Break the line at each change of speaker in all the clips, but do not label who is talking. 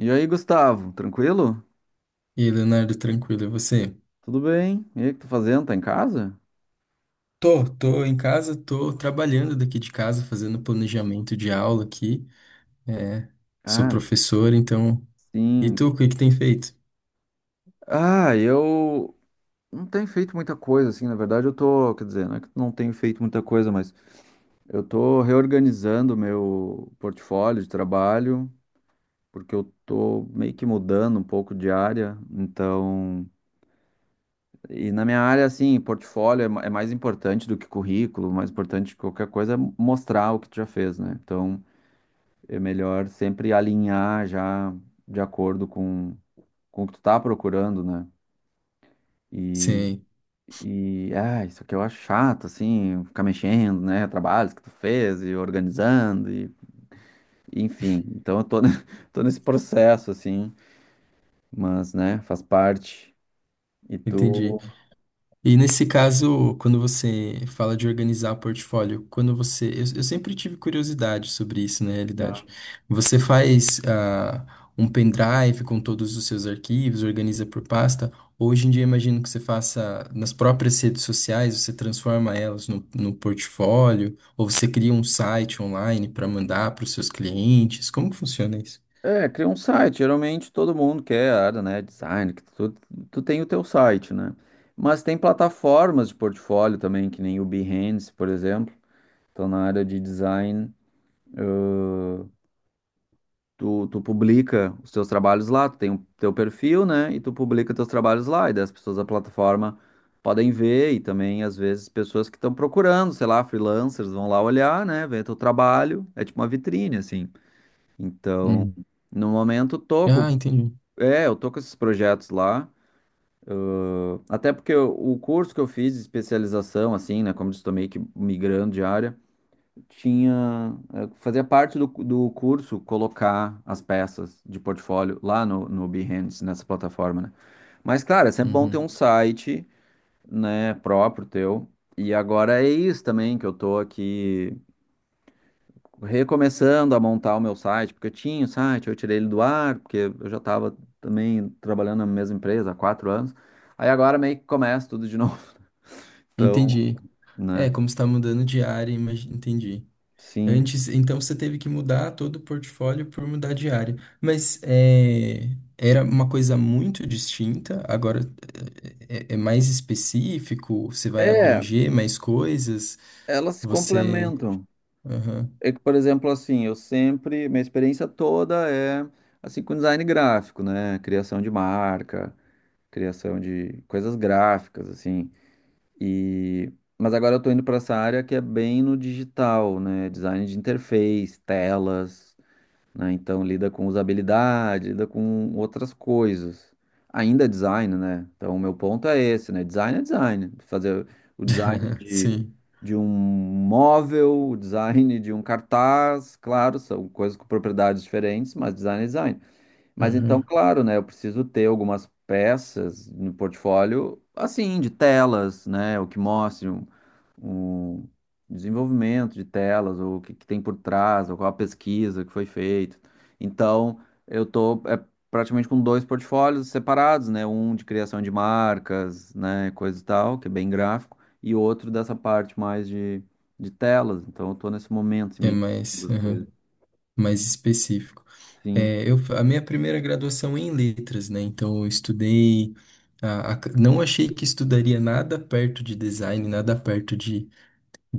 E aí, Gustavo, tranquilo?
E aí, Leonardo, tranquilo, e você?
Tudo bem? E aí, o que tá fazendo? Tá em casa?
Tô em casa, tô trabalhando daqui de casa, fazendo planejamento de aula aqui. É, sou
Ah,
professor, então. E
sim.
tu, o que que tem feito?
Ah, eu não tenho feito muita coisa, assim, na verdade eu tô, quer dizer, não é que não tenho feito muita coisa, mas eu tô reorganizando meu portfólio de trabalho, porque eu tô meio que mudando um pouco de área, então, e na minha área, assim, portfólio é mais importante do que currículo, mais importante que qualquer coisa é mostrar o que tu já fez, né? Então, é melhor sempre alinhar já de acordo com o que tu tá procurando, né? E,
Sim,
isso que eu acho chato, assim, ficar mexendo, né? Trabalhos que tu fez e organizando, e, enfim. Então tô nesse processo, assim, mas, né, faz parte. E
entendi.
tu.
E nesse caso, quando você fala de organizar portfólio, quando você. Eu sempre tive curiosidade sobre isso, na realidade. Você faz um pendrive com todos os seus arquivos, organiza por pasta. Hoje em dia, imagino que você faça nas próprias redes sociais, você transforma elas no portfólio, ou você cria um site online para mandar para os seus clientes. Como que funciona isso?
É, cria um site. Geralmente todo mundo quer a área, né? Design, que tu tem o teu site, né? Mas tem plataformas de portfólio também, que nem o Behance, por exemplo. Então, na área de design, eh, tu publica os teus trabalhos lá, tu tem o teu perfil, né? E tu publica teus trabalhos lá, e daí as pessoas da plataforma podem ver, e também, às vezes, pessoas que estão procurando, sei lá, freelancers vão lá olhar, né? Ver teu trabalho, é tipo uma vitrine, assim. Então,
Uhum.
no momento,
Ah, entendi.
é, eu tô com esses projetos lá, até porque o curso que eu fiz de especialização, assim, né, como eu disse, tô meio que migrando de área, tinha, fazia parte do curso colocar as peças de portfólio lá no Behance, nessa plataforma, né? Mas, claro, é sempre bom ter
Uhum.
um site, né, próprio teu. E agora é isso também que eu tô aqui recomeçando a montar o meu site, porque eu tinha o site, eu tirei ele do ar, porque eu já estava também trabalhando na mesma empresa há 4 anos. Aí agora meio que começa tudo de novo. Então,
Entendi.
né?
É, como está mudando de área, entendi.
Sim.
Antes, então você teve que mudar todo o portfólio por mudar de área. Mas é, era uma coisa muito distinta, agora é mais específico, você vai
É,
abranger mais coisas,
elas se
você.
complementam.
Aham.
É que, por exemplo, assim, eu sempre, minha experiência toda é assim com design gráfico, né? Criação de marca, criação de coisas gráficas, assim. E mas agora eu tô indo para essa área que é bem no digital, né? Design de interface, telas, né? Então lida com usabilidade, lida com outras coisas. Ainda é design, né? Então o meu ponto é esse, né? Design é design. Fazer o design
Sim.
de um móvel, o design de um cartaz, claro, são coisas com propriedades diferentes, mas design é design. Mas então,
Aham.
claro, né? Eu preciso ter algumas peças no portfólio, assim, de telas, né? O que mostre. Um desenvolvimento de telas, ou que tem por trás, ou qual a pesquisa que foi feita. Então, eu tô é praticamente com dois portfólios separados, né? Um de criação de marcas, né? Coisa e tal, que é bem gráfico, e outro dessa parte mais de telas. Então, eu tô nesse momento, assim,
É
meio que
mais,
duas
aham,
coisas.
mais específico.
Sim.
É, eu, a minha primeira graduação é em letras, né? Então eu estudei. Não achei que estudaria nada perto de design, nada perto de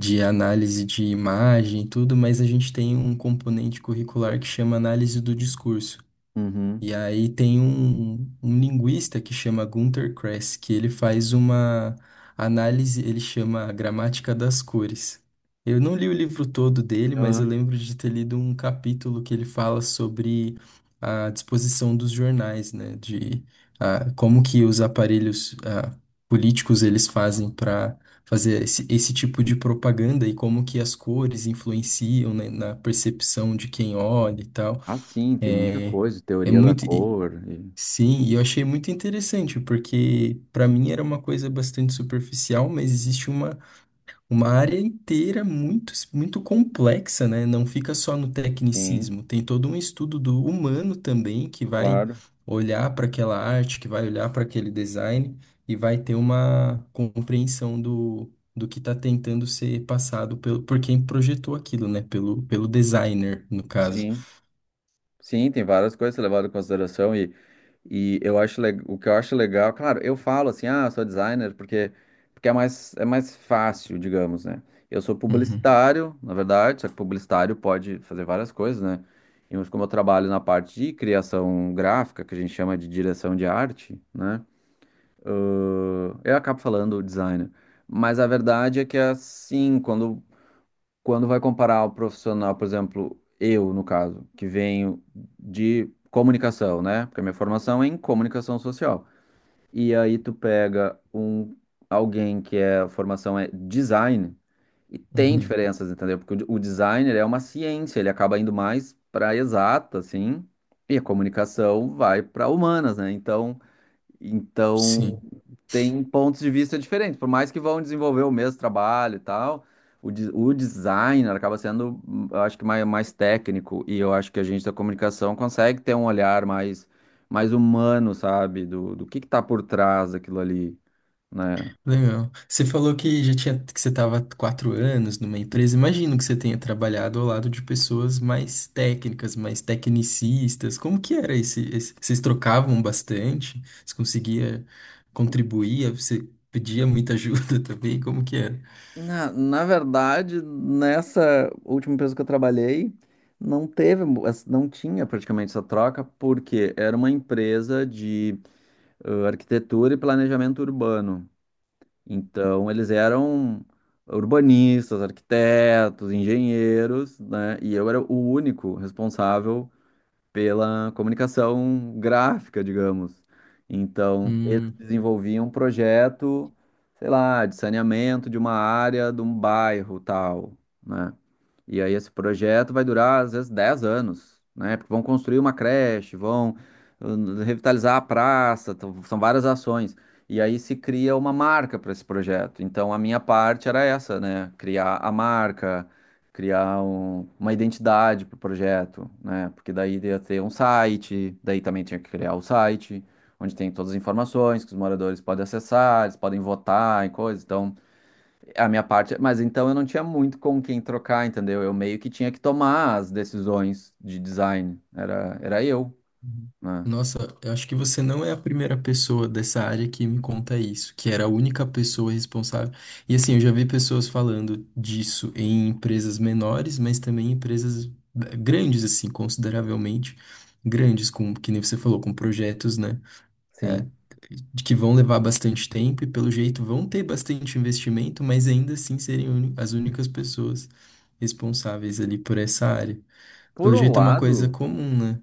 análise de imagem e tudo, mas a gente tem um componente curricular que chama análise do discurso.
Uhum.
E aí tem um linguista que chama Gunter Kress, que ele faz uma análise, ele chama a Gramática das Cores. Eu não li o livro todo dele, mas
Ah,
eu lembro de ter lido um capítulo que ele fala sobre a disposição dos jornais, né? De como que os aparelhos políticos eles fazem para fazer esse tipo de propaganda e como que as cores influenciam, né, na percepção de quem olha e tal.
ah, sim, tem muita
É,
coisa,
é
teoria da
muito.
cor.
Sim, e eu achei muito interessante, porque para mim era uma coisa bastante superficial, mas existe uma área inteira muito, muito complexa, né? Não fica só no
Sim,
tecnicismo, tem todo um estudo do humano também que vai
claro.
olhar para aquela arte, que vai olhar para aquele design e vai ter uma compreensão do que está tentando ser passado pelo, por quem projetou aquilo, né? Pelo designer, no caso.
Sim. Sim, tem várias coisas a ser levado em consideração e eu o que eu acho legal, claro, eu falo assim, ah, sou designer porque é mais fácil, digamos, né? Eu sou
Uhum,
publicitário, na verdade, só que publicitário pode fazer várias coisas, né? E mas como eu trabalho na parte de criação gráfica, que a gente chama de direção de arte, né? Eu acabo falando designer. Mas a verdade é que é assim, quando vai comparar o profissional, por exemplo, eu, no caso, que venho de comunicação, né? Porque a minha formação é em comunicação social. E aí tu pega alguém que é, a formação é design e tem
uhum.
diferenças, entendeu? Porque o designer é uma ciência, ele acaba indo mais para exata, assim, e a comunicação vai para humanas, né? Então,
Sim.
tem pontos de vista diferentes, por mais que vão desenvolver o mesmo trabalho e tal, o designer acaba sendo, eu acho que mais, mais técnico, e eu acho que a gente da comunicação consegue ter um olhar mais, mais humano, sabe, do que tá por trás daquilo ali, né?
Legal. Você falou que já tinha, que você estava 4 anos numa empresa. Imagino que você tenha trabalhado ao lado de pessoas mais técnicas, mais tecnicistas. Como que era Vocês trocavam bastante? Você conseguia contribuir? Você pedia muita ajuda também? Como que era?
Na verdade, nessa última empresa que eu trabalhei, não tinha praticamente essa troca, porque era uma empresa de arquitetura e planejamento urbano. Então, eles eram urbanistas, arquitetos, engenheiros, né? E eu era o único responsável pela comunicação gráfica, digamos. Então, eles desenvolviam um projeto, sei lá, de saneamento de uma área, de um bairro, tal, né? E aí esse projeto vai durar, às vezes, 10 anos, né? Porque vão construir uma creche, vão revitalizar a praça, então, são várias ações. E aí se cria uma marca para esse projeto. Então, a minha parte era essa, né? Criar a marca, criar uma identidade para o projeto, né? Porque daí ia ter um site, daí também tinha que criar o site, onde tem todas as informações que os moradores podem acessar, eles podem votar e coisas. Então, a minha parte, mas então eu não tinha muito com quem trocar, entendeu? Eu meio que tinha que tomar as decisões de design, era eu,
Uhum.
né?
Nossa, eu acho que você não é a primeira pessoa dessa área que me conta isso, que era a única pessoa responsável. E assim, eu já vi pessoas falando disso em empresas menores, mas também em empresas grandes, assim, consideravelmente grandes, com, que nem você falou, com projetos, né? eh,
Sim.
de que vão levar bastante tempo e, pelo jeito, vão ter bastante investimento, mas ainda assim serem as únicas pessoas responsáveis ali por essa área.
Por
Pelo
um
jeito é uma coisa
lado,
comum, né?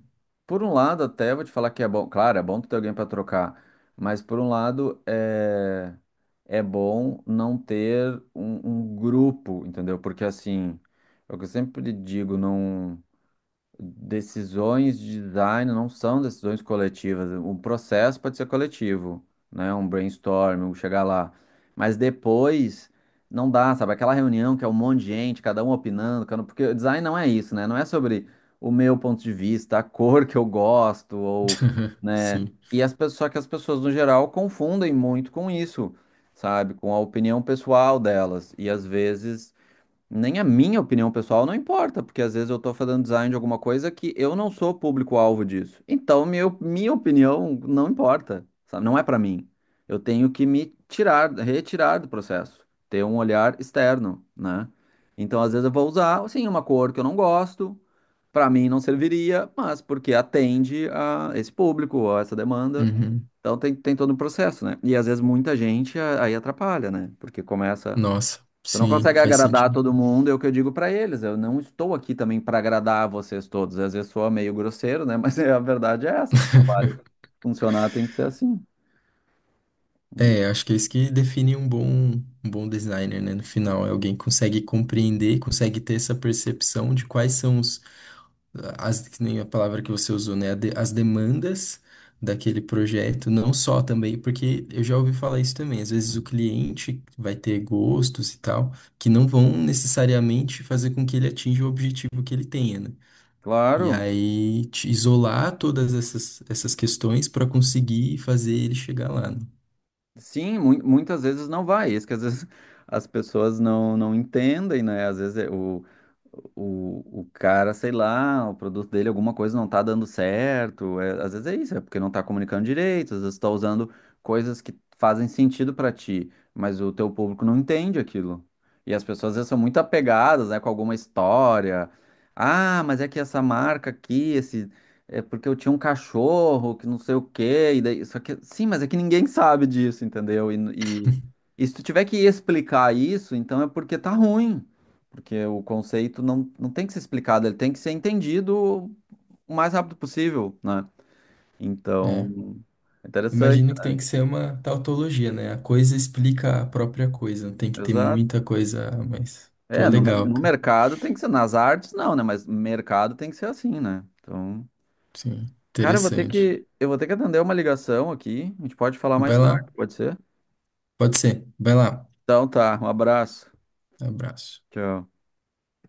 por um lado, até vou te falar que é bom. Claro, é bom tu ter alguém para trocar, mas por um lado, é, é bom não ter um grupo, entendeu? Porque assim, é o que eu sempre digo, não. Decisões de design não são decisões coletivas. O processo pode ser coletivo, né? Um brainstorm, um chegar lá. Mas depois não dá, sabe? Aquela reunião que é um monte de gente, cada um opinando, porque o design não é isso, né? Não é sobre o meu ponto de vista, a cor que eu gosto, ou, né?
Sim.
E as pessoas, só que as pessoas, no geral, confundem muito com isso, sabe? Com a opinião pessoal delas. E às vezes nem a minha opinião pessoal não importa, porque às vezes eu tô fazendo design de alguma coisa que eu não sou público-alvo disso. Então, minha opinião não importa, sabe? Não é pra mim. Eu tenho que me tirar, retirar do processo, ter um olhar externo, né? Então, às vezes eu vou usar, assim, uma cor que eu não gosto, pra mim não serviria, mas porque atende a esse público, a essa demanda.
Uhum.
Então, tem todo um processo, né? E às vezes muita gente aí atrapalha, né? Porque começa.
Nossa,
Tu não
sim,
consegue
faz
agradar
sentido.
todo mundo, é o que eu digo pra eles. Eu não estou aqui também pra agradar vocês todos. Às vezes soa meio grosseiro, né? Mas é, a verdade é essa. O trabalho funcionar tem que ser assim.
É, acho que é isso que define um bom designer, né? No final, é alguém que consegue compreender, consegue ter essa percepção de quais são as, que nem a palavra que você usou, né? As demandas daquele projeto, não só também, porque eu já ouvi falar isso também. Às vezes o cliente vai ter gostos e tal, que não vão necessariamente fazer com que ele atinja o objetivo que ele tenha, né? E
Claro.
aí te isolar todas essas questões para conseguir fazer ele chegar lá, né?
Sim, muitas vezes não vai. Isso que às vezes as pessoas não, não entendem, né? Às vezes é o cara, sei lá, o produto dele, alguma coisa não tá dando certo. É, às vezes é isso, é porque não tá comunicando direito, às vezes tá usando coisas que fazem sentido pra ti, mas o teu público não entende aquilo. E as pessoas às vezes são muito apegadas, né, com alguma história. Ah, mas é que essa marca aqui, esse é porque eu tinha um cachorro que não sei o quê, e daí, só que, sim, mas é que ninguém sabe disso, entendeu? E se tu tiver que explicar isso, então é porque tá ruim, porque o conceito não tem que ser explicado, ele tem que ser entendido o mais rápido possível, né?
É.
Então, é interessante,
Imagino que tem que ser uma tautologia, né? A coisa explica a própria coisa. Tem que ter
exato.
muita coisa a mais. Pô,
É,
legal,
no
cara.
mercado tem que ser, nas artes não, né? Mas mercado tem que ser assim, né? Então,
Sim,
cara,
interessante.
eu vou ter que atender uma ligação aqui, a gente pode falar mais
Vai
tarde,
lá.
pode ser?
Pode ser. Vai lá.
Então tá, um abraço.
Abraço.
Tchau.